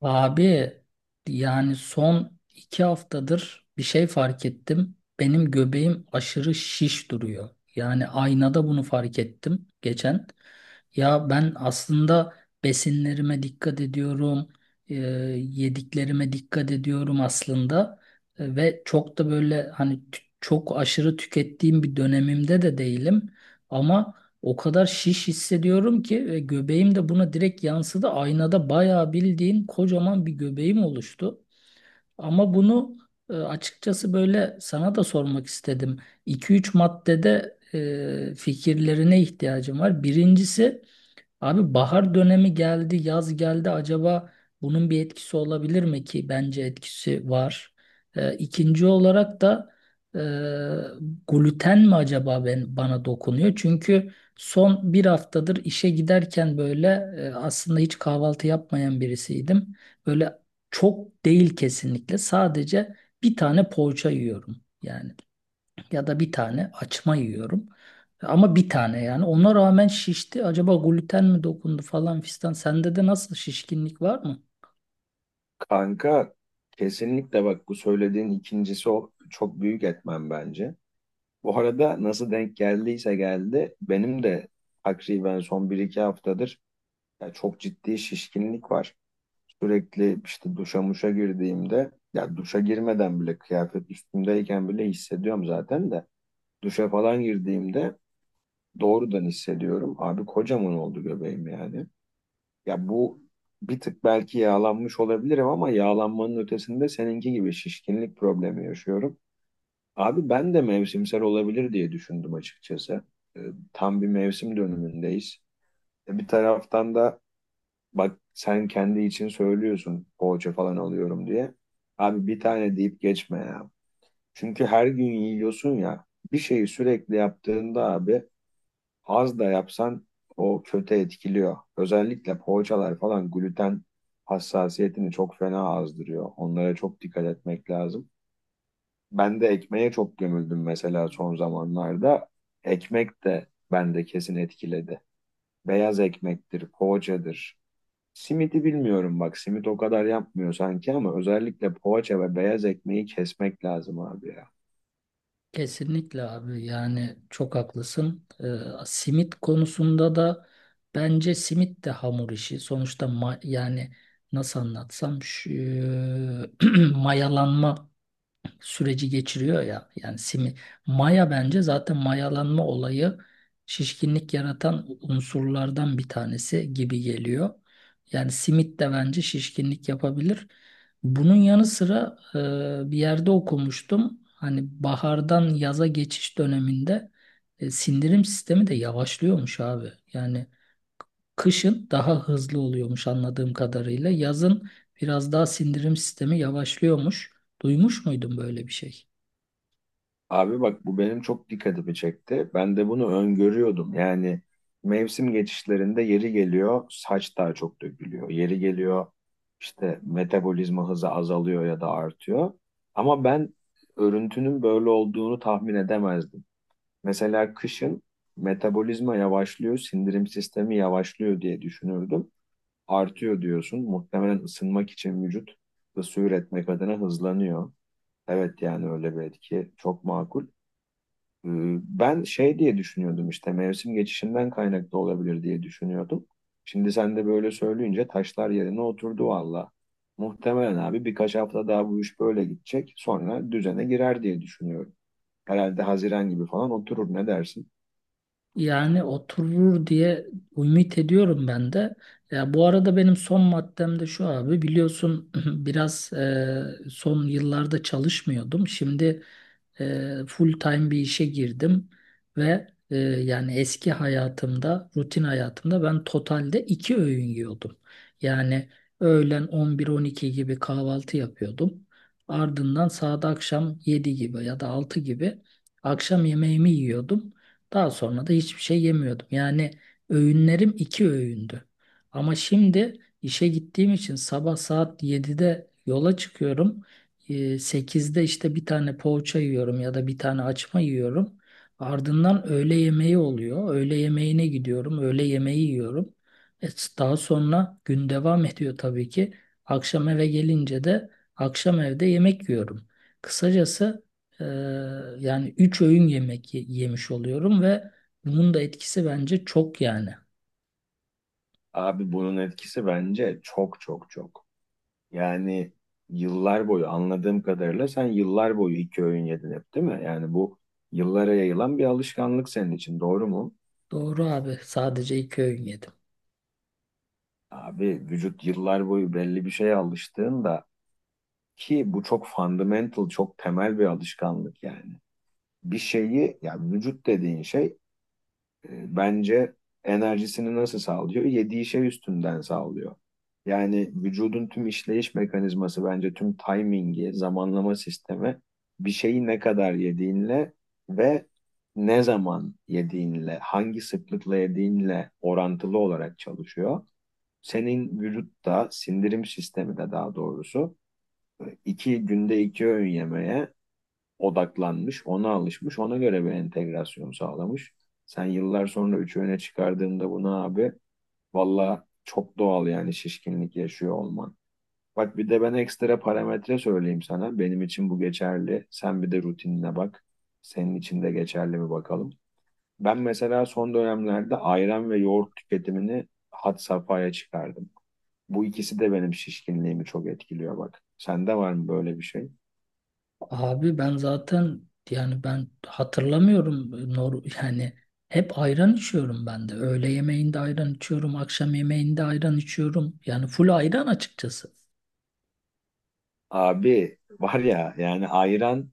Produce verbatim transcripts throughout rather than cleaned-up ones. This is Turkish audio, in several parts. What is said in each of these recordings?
Abi yani son iki haftadır bir şey fark ettim. Benim göbeğim aşırı şiş duruyor. Yani aynada bunu fark ettim geçen. Ya ben aslında besinlerime dikkat ediyorum, e, yediklerime dikkat ediyorum aslında. E, ve çok da böyle hani t- çok aşırı tükettiğim bir dönemimde de değilim. Ama o kadar şiş hissediyorum ki ve göbeğim de buna direkt yansıdı. Aynada bayağı bildiğin kocaman bir göbeğim oluştu. Ama bunu e, açıkçası böyle sana da sormak istedim. iki üç maddede e, fikirlerine ihtiyacım var. Birincisi Abi, bahar dönemi geldi, yaz geldi. Acaba bunun bir etkisi olabilir mi ki? Bence etkisi var. Ee, ikinci olarak da e, gluten mi acaba ben, bana dokunuyor? Çünkü son bir haftadır işe giderken böyle e, aslında hiç kahvaltı yapmayan birisiydim. Böyle çok değil kesinlikle. Sadece bir tane poğaça yiyorum yani ya da bir tane açma yiyorum. Ama bir tane yani. Ona rağmen şişti. Acaba gluten mi dokundu falan fistan. Sende de nasıl şişkinlik var mı? Kanka kesinlikle bak bu söylediğin ikincisi o çok büyük etmen bence. Bu arada nasıl denk geldiyse geldi benim de takriben son bir iki haftadır ya çok ciddi şişkinlik var. Sürekli işte duşa muşa girdiğimde ya duşa girmeden bile kıyafet üstümdeyken bile hissediyorum zaten de duşa falan girdiğimde doğrudan hissediyorum. Abi kocaman oldu göbeğim yani. Ya bu bir tık belki yağlanmış olabilirim ama yağlanmanın ötesinde seninki gibi şişkinlik problemi yaşıyorum. Abi ben de mevsimsel olabilir diye düşündüm açıkçası. Ee, Tam bir mevsim dönümündeyiz. E, Bir taraftan da bak sen kendi için söylüyorsun poğaça falan alıyorum diye. Abi bir tane deyip geçme ya. Çünkü her gün yiyorsun ya. Bir şeyi sürekli yaptığında abi az da yapsan o kötü etkiliyor. Özellikle poğaçalar falan gluten hassasiyetini çok fena azdırıyor. Onlara çok dikkat etmek lazım. Ben de ekmeğe çok gömüldüm mesela son zamanlarda. Ekmek de bende kesin etkiledi. Beyaz ekmektir, poğaçadır. Simidi bilmiyorum bak simit o kadar yapmıyor sanki ama özellikle poğaça ve beyaz ekmeği kesmek lazım abi ya. Kesinlikle abi yani çok haklısın. Ee, simit konusunda da bence simit de hamur işi. Sonuçta ma- yani nasıl anlatsam şu, mayalanma süreci geçiriyor ya. Yani simi, maya bence zaten mayalanma olayı şişkinlik yaratan unsurlardan bir tanesi gibi geliyor. Yani simit de bence şişkinlik yapabilir. Bunun yanı sıra e, bir yerde okumuştum. Hani bahardan yaza geçiş döneminde e, sindirim sistemi de yavaşlıyormuş abi. Yani kışın daha hızlı oluyormuş anladığım kadarıyla. Yazın biraz daha sindirim sistemi yavaşlıyormuş. Duymuş muydun böyle bir şey? Abi bak bu benim çok dikkatimi çekti. Ben de bunu öngörüyordum. Yani mevsim geçişlerinde yeri geliyor saç daha çok dökülüyor. Yeri geliyor işte metabolizma hızı azalıyor ya da artıyor. Ama ben örüntünün böyle olduğunu tahmin edemezdim. Mesela kışın metabolizma yavaşlıyor, sindirim sistemi yavaşlıyor diye düşünürdüm. Artıyor diyorsun. Muhtemelen ısınmak için vücut ısı üretmek adına hızlanıyor. Evet yani öyle bir etki çok makul. Hmm, Ben şey diye düşünüyordum işte mevsim geçişinden kaynaklı olabilir diye düşünüyordum. Şimdi sen de böyle söyleyince taşlar yerine oturdu valla. Muhtemelen abi birkaç hafta daha bu iş böyle gidecek. Sonra düzene girer diye düşünüyorum. Herhalde Haziran gibi falan oturur, ne dersin? Yani oturur diye ümit ediyorum ben de. Ya bu arada benim son maddem de şu abi, biliyorsun biraz e, son yıllarda çalışmıyordum. Şimdi e, full time bir işe girdim ve e, yani eski hayatımda, rutin hayatımda ben totalde iki öğün yiyordum. Yani öğlen on bir on iki gibi kahvaltı yapıyordum. Ardından saat akşam yedi gibi ya da altı gibi akşam yemeğimi yiyordum. Daha sonra da hiçbir şey yemiyordum. Yani öğünlerim iki öğündü. Ama şimdi işe gittiğim için sabah saat yedide yola çıkıyorum. Ee, sekizde işte bir tane poğaça yiyorum ya da bir tane açma yiyorum. Ardından öğle yemeği oluyor. Öğle yemeğine gidiyorum. Öğle yemeği yiyorum. E, daha sonra gün devam ediyor tabii ki. Akşam eve gelince de akşam evde yemek yiyorum. Kısacası ee, yani üç öğün yemek ye- yemiş oluyorum ve bunun da etkisi bence çok yani. Abi bunun etkisi bence çok çok çok. Yani yıllar boyu anladığım kadarıyla sen yıllar boyu iki öğün yedin hep değil mi? Yani bu yıllara yayılan bir alışkanlık senin için doğru mu? Doğru abi, sadece iki öğün yedim. Abi vücut yıllar boyu belli bir şeye alıştığında ki bu çok fundamental, çok temel bir alışkanlık yani. Bir şeyi ya vücut dediğin şey e, bence enerjisini nasıl sağlıyor? Yediği şey üstünden sağlıyor. Yani vücudun tüm işleyiş mekanizması bence tüm timingi, zamanlama sistemi bir şeyi ne kadar yediğinle ve ne zaman yediğinle, hangi sıklıkla yediğinle orantılı olarak çalışıyor. Senin vücutta sindirim sistemi de daha doğrusu e, iki günde iki öğün yemeye odaklanmış, ona alışmış, ona göre bir entegrasyon sağlamış. Sen yıllar sonra üç öğüne çıkardığında bunu abi valla çok doğal yani şişkinlik yaşıyor olman. Bak bir de ben ekstra parametre söyleyeyim sana. Benim için bu geçerli. Sen bir de rutinine bak. Senin için de geçerli mi bakalım. Ben mesela son dönemlerde ayran ve yoğurt tüketimini had safhaya çıkardım. Bu ikisi de benim şişkinliğimi çok etkiliyor bak. Sende var mı böyle bir şey? Abi ben zaten yani ben hatırlamıyorum, nor yani hep ayran içiyorum ben de. Öğle yemeğinde ayran içiyorum, akşam yemeğinde ayran içiyorum. Yani full ayran açıkçası. Abi var ya yani ayran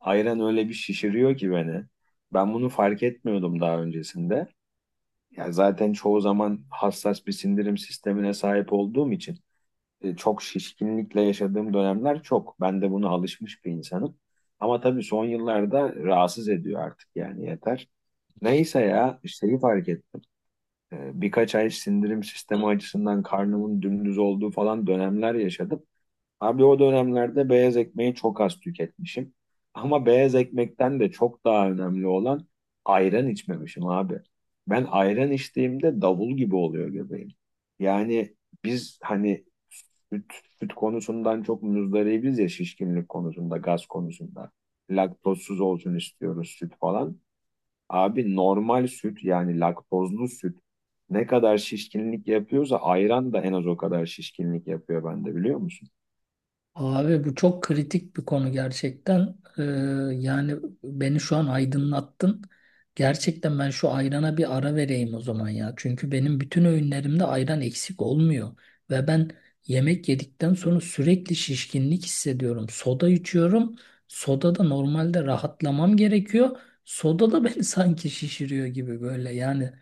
ayran öyle bir şişiriyor ki beni. Ben bunu fark etmiyordum daha öncesinde. Ya zaten çoğu zaman hassas bir sindirim sistemine sahip olduğum için e, çok şişkinlikle yaşadığım dönemler çok. Ben de buna alışmış bir insanım. Ama tabii son yıllarda rahatsız ediyor artık yani yeter. Neyse ya şeyi fark ettim. E, birkaç ay sindirim sistemi açısından karnımın dümdüz olduğu falan dönemler yaşadım. Abi o dönemlerde beyaz ekmeği çok az tüketmişim. Ama beyaz ekmekten de çok daha önemli olan ayran içmemişim abi. Ben ayran içtiğimde davul gibi oluyor göbeğim. Yani biz hani süt, süt konusundan çok muzdaribiz ya şişkinlik konusunda, gaz konusunda. Laktozsuz olsun istiyoruz süt falan. Abi normal süt yani laktozlu süt ne kadar şişkinlik yapıyorsa ayran da en az o kadar şişkinlik yapıyor bende, biliyor musun? Abi bu çok kritik bir konu gerçekten. Ee, yani beni şu an aydınlattın. Gerçekten ben şu ayrana bir ara vereyim o zaman ya. Çünkü benim bütün öğünlerimde ayran eksik olmuyor. Ve ben yemek yedikten sonra sürekli şişkinlik hissediyorum. Soda içiyorum. Soda da normalde rahatlamam gerekiyor. Soda da beni sanki şişiriyor gibi böyle yani.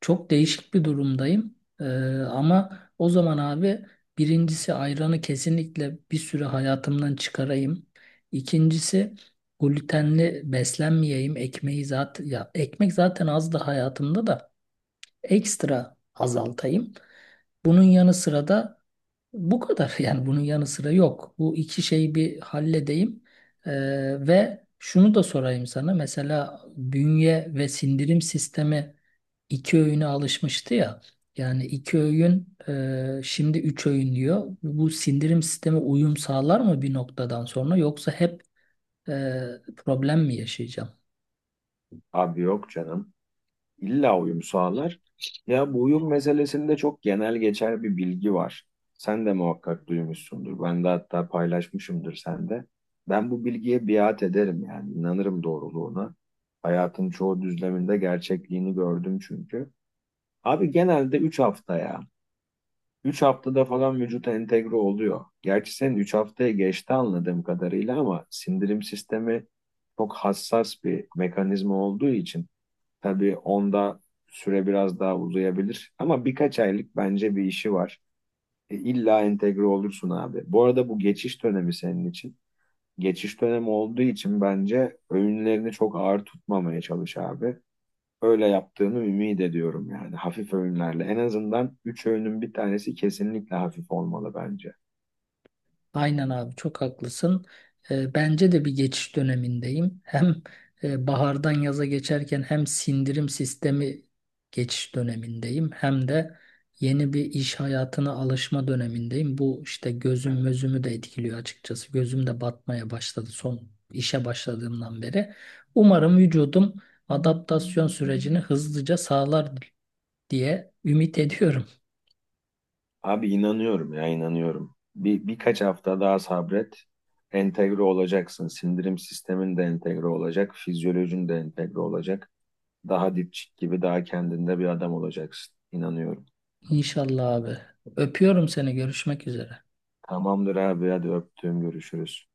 Çok değişik bir durumdayım. Ee, ama o zaman abi, birincisi ayranı kesinlikle bir süre hayatımdan çıkarayım. İkincisi glutenli beslenmeyeyim. Ekmeği zaten, ya ekmek zaten az da hayatımda, da ekstra azaltayım. Bunun yanı sıra da bu kadar yani bunun yanı sıra yok. Bu iki şeyi bir halledeyim. Ee, ve şunu da sorayım sana. Mesela bünye ve sindirim sistemi iki öğüne alışmıştı ya. Yani iki öğün, e, şimdi üç öğün diyor. Bu sindirim sistemi uyum sağlar mı bir noktadan sonra, yoksa hep e, problem mi yaşayacağım? Abi yok canım. İlla uyum sağlar. Ya bu uyum meselesinde çok genel geçer bir bilgi var. Sen de muhakkak duymuşsundur. Ben de hatta paylaşmışımdır, sen de. Ben bu bilgiye biat ederim yani inanırım doğruluğuna. Hayatın çoğu düzleminde gerçekliğini gördüm çünkü. Abi genelde üç hafta ya. Üç haftada falan vücuta entegre oluyor. Gerçi senin üç haftaya geçti anladığım kadarıyla ama sindirim sistemi çok hassas bir mekanizma olduğu için tabii onda süre biraz daha uzayabilir. Ama birkaç aylık bence bir işi var. E, illa entegre olursun abi. Bu arada bu geçiş dönemi senin için. Geçiş dönemi olduğu için bence öğünlerini çok ağır tutmamaya çalış abi, öyle yaptığımı ümit ediyorum yani, hafif öğünlerle. En azından üç öğünün bir tanesi kesinlikle hafif olmalı bence. Aynen abi, çok haklısın. Ee, bence de bir geçiş dönemindeyim. Hem e, bahardan yaza geçerken hem sindirim sistemi geçiş dönemindeyim. Hem de yeni bir iş hayatına alışma dönemindeyim. Bu işte gözüm, gözümü de etkiliyor açıkçası. Gözüm de batmaya başladı son işe başladığımdan beri. Umarım vücudum adaptasyon sürecini hızlıca sağlar diye ümit ediyorum. Abi inanıyorum ya, inanıyorum. Bir, birkaç hafta daha sabret. Entegre olacaksın. Sindirim sistemin de entegre olacak. Fizyolojin de entegre olacak. Daha dipçik gibi daha kendinde bir adam olacaksın. İnanıyorum. İnşallah abi. Öpüyorum seni. Görüşmek üzere. Tamamdır abi, hadi öptüğüm görüşürüz.